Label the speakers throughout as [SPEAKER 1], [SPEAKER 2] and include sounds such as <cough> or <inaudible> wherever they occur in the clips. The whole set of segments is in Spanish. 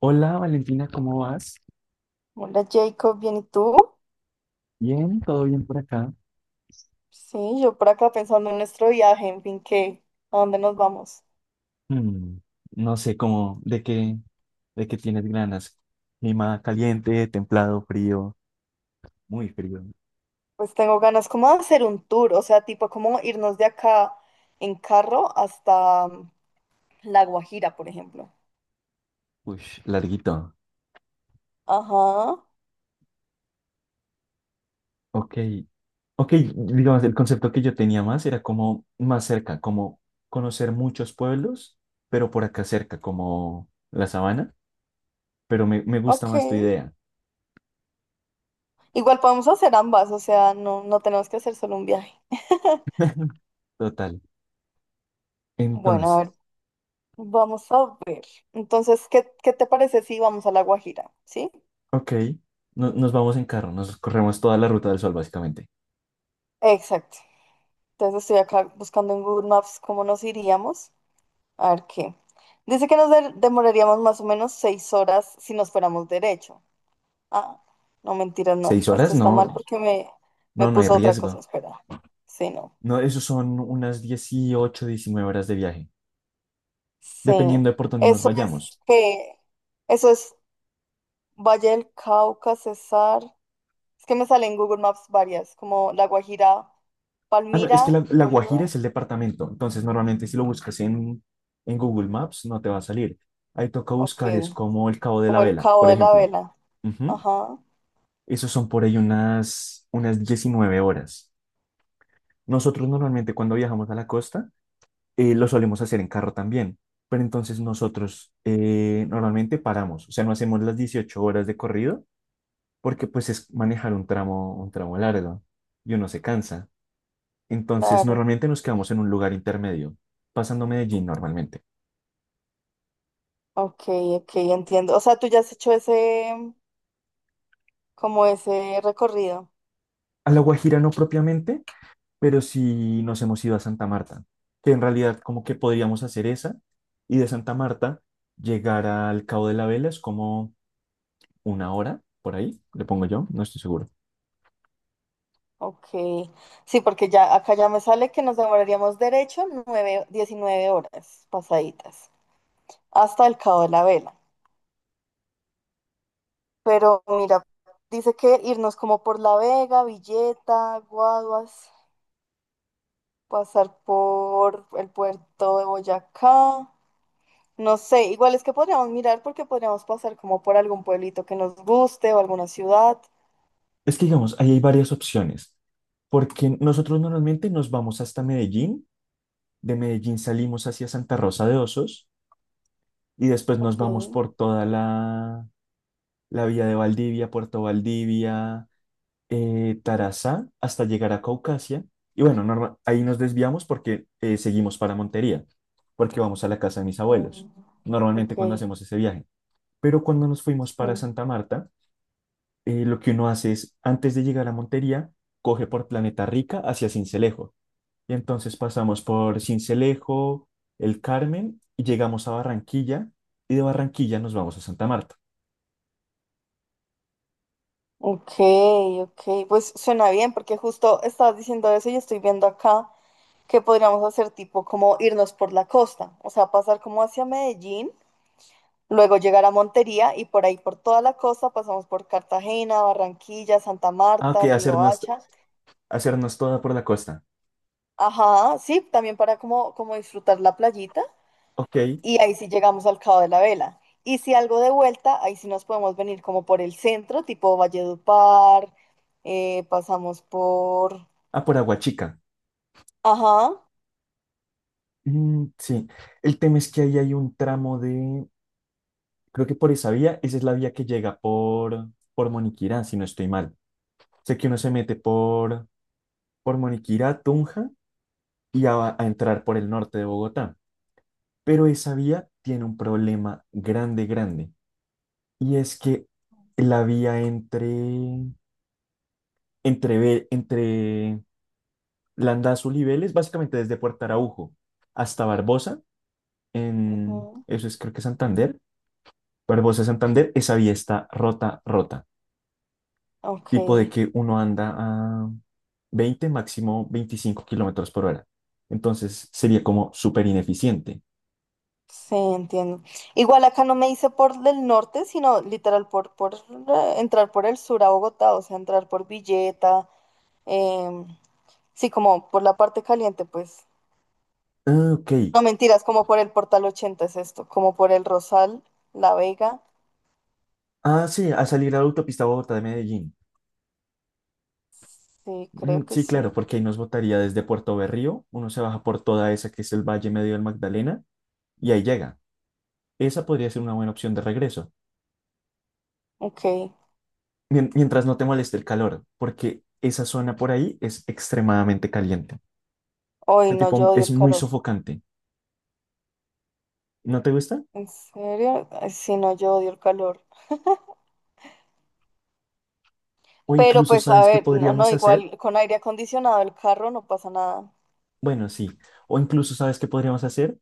[SPEAKER 1] Hola Valentina, ¿cómo vas?
[SPEAKER 2] Hola Jacob, ¿bien y tú?
[SPEAKER 1] Bien, todo bien por acá.
[SPEAKER 2] Sí, yo por acá pensando en nuestro viaje, en fin, ¿qué? ¿A dónde nos vamos?
[SPEAKER 1] Mm, no sé cómo, de qué tienes ganas. Clima caliente, templado, frío, muy frío.
[SPEAKER 2] Pues tengo ganas como de hacer un tour, o sea, tipo como irnos de acá en carro hasta La Guajira, por ejemplo.
[SPEAKER 1] Uy, larguito.
[SPEAKER 2] Ajá,
[SPEAKER 1] Ok, ok, digamos, el concepto que yo tenía más era como más cerca, como conocer muchos pueblos, pero por acá cerca, como la Sabana, pero me gusta
[SPEAKER 2] ok.
[SPEAKER 1] más tu idea.
[SPEAKER 2] Igual podemos hacer ambas, o sea, no, no tenemos que hacer solo un viaje.
[SPEAKER 1] Total.
[SPEAKER 2] Bueno, a
[SPEAKER 1] Entonces,
[SPEAKER 2] ver, vamos a ver. Entonces, ¿qué te parece si vamos a La Guajira? ¿Sí?
[SPEAKER 1] ok, nos vamos en carro, nos corremos toda la Ruta del Sol básicamente.
[SPEAKER 2] Exacto. Entonces estoy acá buscando en Google Maps cómo nos iríamos. A ver qué. Dice que nos demoraríamos más o menos 6 horas si nos fuéramos derecho. Ah, no, mentira, no.
[SPEAKER 1] Seis
[SPEAKER 2] Esto
[SPEAKER 1] horas,
[SPEAKER 2] está mal
[SPEAKER 1] no.
[SPEAKER 2] porque me
[SPEAKER 1] No, no hay
[SPEAKER 2] puso otra cosa.
[SPEAKER 1] riesgo.
[SPEAKER 2] Espera. Sí, no.
[SPEAKER 1] No, eso son unas 18, 19 horas de viaje,
[SPEAKER 2] Sí.
[SPEAKER 1] dependiendo de por dónde nos
[SPEAKER 2] Eso es
[SPEAKER 1] vayamos.
[SPEAKER 2] que. Eso es Valle del Cauca, Cesar. Es que me sale en Google Maps varias, como La Guajira,
[SPEAKER 1] Ah, no, es que la,
[SPEAKER 2] Palmira,
[SPEAKER 1] la Guajira
[SPEAKER 2] Bolívar.
[SPEAKER 1] es el departamento, entonces normalmente si lo buscas en Google Maps no te va a salir. Ahí toca
[SPEAKER 2] Ok.
[SPEAKER 1] buscar, es como el Cabo de la
[SPEAKER 2] Como el
[SPEAKER 1] Vela,
[SPEAKER 2] Cabo
[SPEAKER 1] por
[SPEAKER 2] de la
[SPEAKER 1] ejemplo.
[SPEAKER 2] Vela.
[SPEAKER 1] Ujú.
[SPEAKER 2] Ajá,
[SPEAKER 1] Esos son por ahí unas 19 horas. Nosotros normalmente cuando viajamos a la costa lo solemos hacer en carro también, pero entonces nosotros normalmente paramos, o sea, no hacemos las 18 horas de corrido, porque pues es manejar un tramo largo y uno se cansa. Entonces,
[SPEAKER 2] claro.
[SPEAKER 1] normalmente nos quedamos en un lugar intermedio, pasando Medellín normalmente.
[SPEAKER 2] Ok, ok, entiendo. O sea, tú ya has hecho ese, como ese recorrido.
[SPEAKER 1] A La Guajira no propiamente, pero sí nos hemos ido a Santa Marta, que en realidad como que podríamos hacer esa, y de Santa Marta llegar al Cabo de la Vela es como una hora por ahí, le pongo yo, no estoy seguro.
[SPEAKER 2] Ok, sí, porque ya acá ya me sale que nos demoraríamos derecho 9, 19 horas pasaditas hasta el Cabo de la Vela. Pero mira, dice que irnos como por La Vega, Villeta, Guaduas, pasar por el puerto de Boyacá. No sé, igual es que podríamos mirar porque podríamos pasar como por algún pueblito que nos guste o alguna ciudad.
[SPEAKER 1] Es que, digamos, ahí hay varias opciones, porque nosotros normalmente nos vamos hasta Medellín, de Medellín salimos hacia Santa Rosa de Osos y después nos
[SPEAKER 2] Ok.
[SPEAKER 1] vamos por toda la vía de Valdivia, Puerto Valdivia, Tarazá, hasta llegar a Caucasia. Y bueno, ahí nos desviamos porque seguimos para Montería, porque vamos a la casa de mis abuelos,
[SPEAKER 2] Mm.
[SPEAKER 1] normalmente, cuando
[SPEAKER 2] Ok.
[SPEAKER 1] hacemos ese viaje. Pero cuando nos fuimos para
[SPEAKER 2] Mm.
[SPEAKER 1] Santa Marta, lo que uno hace es, antes de llegar a Montería, coge por Planeta Rica hacia Sincelejo. Y entonces pasamos por Sincelejo, El Carmen, y llegamos a Barranquilla, y de Barranquilla nos vamos a Santa Marta.
[SPEAKER 2] Ok, ok, pues suena bien porque justo estabas diciendo eso y estoy viendo acá que podríamos hacer tipo como irnos por la costa, o sea, pasar como hacia Medellín, luego llegar a Montería y por ahí por toda la costa pasamos por Cartagena, Barranquilla, Santa
[SPEAKER 1] Ah, ok,
[SPEAKER 2] Marta, Riohacha,
[SPEAKER 1] hacernos toda por la costa.
[SPEAKER 2] ajá, sí, también para como disfrutar la playita
[SPEAKER 1] Ok.
[SPEAKER 2] y ahí sí llegamos al Cabo de la Vela. Y si algo de vuelta, ahí sí nos podemos venir como por el centro, tipo Valledupar, pasamos por.
[SPEAKER 1] Ah, por Aguachica.
[SPEAKER 2] Ajá.
[SPEAKER 1] Sí. El tema es que ahí hay un tramo de... Creo que por esa vía, esa es la vía que llega por Moniquirá, si no estoy mal. Sé que uno se mete por Moniquirá, Tunja, y ya va a entrar por el norte de Bogotá. Pero esa vía tiene un problema grande, grande. Y es que la vía entre Landazuri y Vélez, básicamente desde Puerto Araujo hasta Barbosa,
[SPEAKER 2] Ujú.
[SPEAKER 1] eso es creo que Santander, Barbosa, Santander, esa vía está rota, rota,
[SPEAKER 2] Ok,
[SPEAKER 1] tipo de que uno anda a 20, máximo 25 kilómetros por hora. Entonces sería como súper ineficiente.
[SPEAKER 2] sí, entiendo. Igual acá no me hice por del norte, sino literal por, por entrar por el sur a Bogotá, o sea, entrar por Villeta, em, sí, como por la parte caliente, pues.
[SPEAKER 1] Ah, ok.
[SPEAKER 2] No mentiras, como por el Portal 80 es esto, como por el Rosal, La Vega,
[SPEAKER 1] Ah, sí, a salir a la autopista Bogotá de Medellín.
[SPEAKER 2] sí, creo que
[SPEAKER 1] Sí, claro,
[SPEAKER 2] sí.
[SPEAKER 1] porque ahí nos botaría desde Puerto Berrío, uno se baja por toda esa que es el Valle Medio del Magdalena, y ahí llega. Esa podría ser una buena opción de regreso,
[SPEAKER 2] Ok,
[SPEAKER 1] mientras no te moleste el calor, porque esa zona por ahí es extremadamente caliente.
[SPEAKER 2] hoy
[SPEAKER 1] Este
[SPEAKER 2] no,
[SPEAKER 1] tipo
[SPEAKER 2] yo odio
[SPEAKER 1] es
[SPEAKER 2] el
[SPEAKER 1] muy
[SPEAKER 2] calor.
[SPEAKER 1] sofocante. ¿No te gusta?
[SPEAKER 2] ¿En serio? Ay, sí, no, yo odio el calor.
[SPEAKER 1] O
[SPEAKER 2] Pero
[SPEAKER 1] incluso,
[SPEAKER 2] pues, a
[SPEAKER 1] ¿sabes qué
[SPEAKER 2] ver, no, no,
[SPEAKER 1] podríamos hacer?
[SPEAKER 2] igual con aire acondicionado el carro no pasa nada.
[SPEAKER 1] Bueno, sí. O incluso, ¿sabes qué podríamos hacer?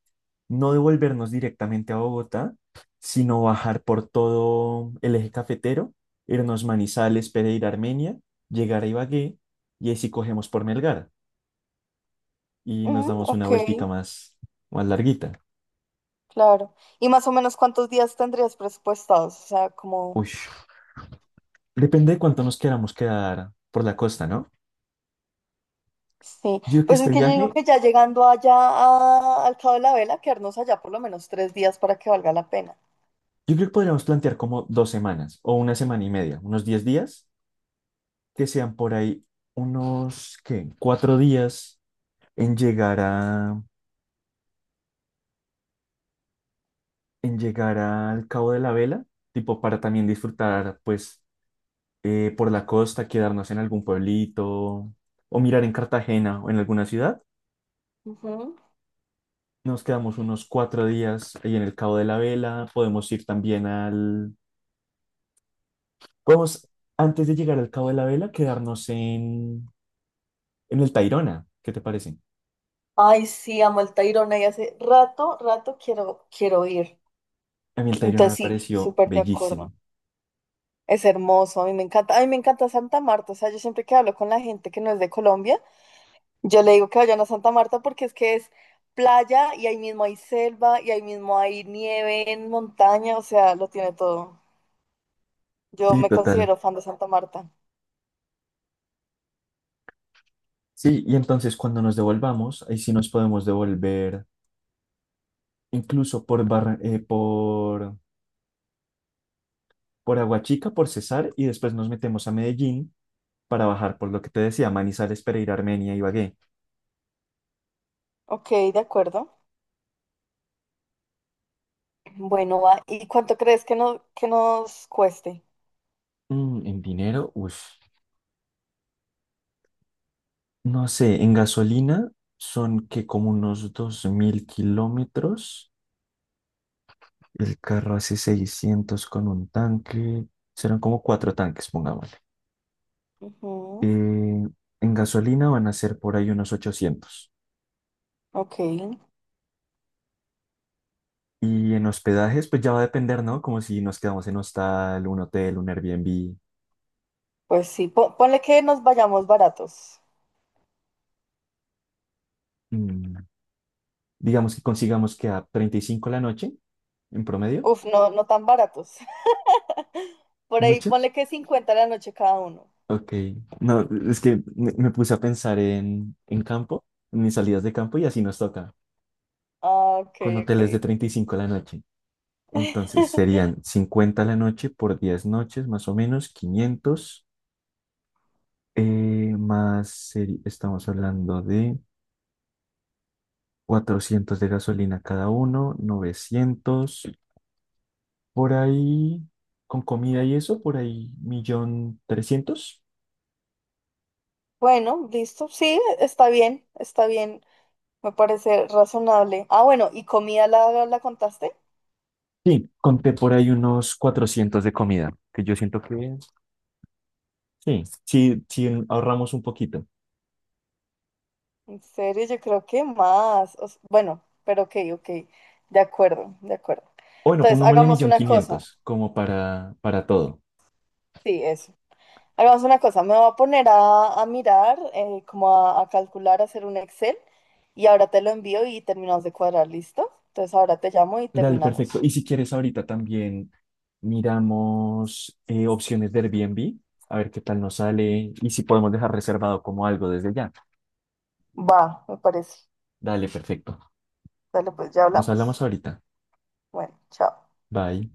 [SPEAKER 1] No devolvernos directamente a Bogotá, sino bajar por todo el Eje Cafetero, irnos Manizales, Pereira, Armenia, llegar a Ibagué, y ahí sí cogemos por Melgar y nos
[SPEAKER 2] Mm,
[SPEAKER 1] damos una
[SPEAKER 2] ok,
[SPEAKER 1] vueltica más, más larguita.
[SPEAKER 2] claro. ¿Y más o menos cuántos días tendrías presupuestados? O sea, como,
[SPEAKER 1] Uy, depende de cuánto nos queramos quedar por la costa, ¿no?
[SPEAKER 2] sí.
[SPEAKER 1] Yo creo que
[SPEAKER 2] Pues es
[SPEAKER 1] este
[SPEAKER 2] que yo digo
[SPEAKER 1] viaje,
[SPEAKER 2] que ya llegando allá al Cabo de la Vela, quedarnos allá por lo menos 3 días para que valga la pena.
[SPEAKER 1] yo creo que podríamos plantear como 2 semanas, o una semana y media, unos 10 días, que sean por ahí unos, ¿qué?, 4 días en llegar a, en llegar al Cabo de la Vela, tipo para también disfrutar, pues, por la costa, quedarnos en algún pueblito o mirar en Cartagena o en alguna ciudad.
[SPEAKER 2] Ujú.
[SPEAKER 1] Nos quedamos unos 4 días ahí en el Cabo de la Vela. Podemos ir también al... Podemos, antes de llegar al Cabo de la Vela, quedarnos en el Tayrona. ¿Qué te parece?
[SPEAKER 2] Ay, sí, amo el Tayrona y hace rato, rato quiero ir.
[SPEAKER 1] A mí el Tayrona
[SPEAKER 2] Entonces
[SPEAKER 1] me
[SPEAKER 2] sí,
[SPEAKER 1] pareció
[SPEAKER 2] súper de
[SPEAKER 1] bellísimo.
[SPEAKER 2] acuerdo. Es hermoso, a mí me encanta, a mí me encanta Santa Marta, o sea, yo siempre que hablo con la gente que no es de Colombia, yo le digo que vayan a Santa Marta porque es que es playa y ahí mismo hay selva y ahí mismo hay nieve en montaña, o sea, lo tiene todo. Yo
[SPEAKER 1] Sí,
[SPEAKER 2] me
[SPEAKER 1] total.
[SPEAKER 2] considero fan de Santa Marta.
[SPEAKER 1] Sí, y entonces cuando nos devolvamos, ahí sí nos podemos devolver incluso por Aguachica, por Cesar, y después nos metemos a Medellín para bajar por lo que te decía: Manizales, Pereira, Armenia, Ibagué.
[SPEAKER 2] Ok, de acuerdo. Bueno, va. ¿Y cuánto crees que, no, que nos cueste?
[SPEAKER 1] En dinero, uff, no sé. En gasolina son, que como unos 2.000 kilómetros. El carro hace 600 con un tanque, serán como 4 tanques, pongámosle. Eh,
[SPEAKER 2] Ujú.
[SPEAKER 1] en gasolina van a ser por ahí unos 800.
[SPEAKER 2] Ok,
[SPEAKER 1] Y en hospedajes, pues ya va a depender, ¿no? Como si nos quedamos en hostal, un hotel, un Airbnb.
[SPEAKER 2] pues sí, ponle que nos vayamos baratos.
[SPEAKER 1] Mm, digamos que consigamos que a 35 la noche en promedio.
[SPEAKER 2] Uf, no, no tan baratos. <laughs> Por ahí
[SPEAKER 1] ¿Mucho?
[SPEAKER 2] ponle que 50 la noche cada uno.
[SPEAKER 1] Ok. No, es que me puse a pensar en campo, en mis salidas de campo, y así nos toca,
[SPEAKER 2] Ah, ok,
[SPEAKER 1] con hoteles de
[SPEAKER 2] ok.
[SPEAKER 1] 35 la noche. Entonces serían 50 la noche por 10 noches, más o menos, 500, más, estamos hablando de 400 de gasolina cada uno, 900 por ahí, con comida y eso, por ahí, 1.300.000.
[SPEAKER 2] Bueno, listo. Sí, está bien, está bien. Me parece razonable. Ah, bueno, ¿y comida la contaste?
[SPEAKER 1] Sí, conté por ahí unos 400 de comida, que yo siento que sí, sí, sí, ahorramos un poquito.
[SPEAKER 2] En serio, yo creo que más. Bueno, pero ok, ok. De acuerdo, de acuerdo.
[SPEAKER 1] O bueno,
[SPEAKER 2] Entonces,
[SPEAKER 1] pongámosle
[SPEAKER 2] hagamos
[SPEAKER 1] millón
[SPEAKER 2] una cosa.
[SPEAKER 1] quinientos como para todo.
[SPEAKER 2] Sí, eso. Hagamos una cosa. Me voy a poner a mirar, como a calcular, a hacer un Excel. Y ahora te lo envío y terminamos de cuadrar, ¿listo? Entonces, ahora te llamo y
[SPEAKER 1] Dale, perfecto.
[SPEAKER 2] terminamos.
[SPEAKER 1] Y si quieres ahorita también miramos opciones de Airbnb, a ver qué tal nos sale y si podemos dejar reservado como algo desde ya.
[SPEAKER 2] Va, me parece.
[SPEAKER 1] Dale, perfecto.
[SPEAKER 2] Dale, pues ya
[SPEAKER 1] Nos
[SPEAKER 2] hablamos.
[SPEAKER 1] hablamos ahorita.
[SPEAKER 2] Bueno, chao.
[SPEAKER 1] Bye.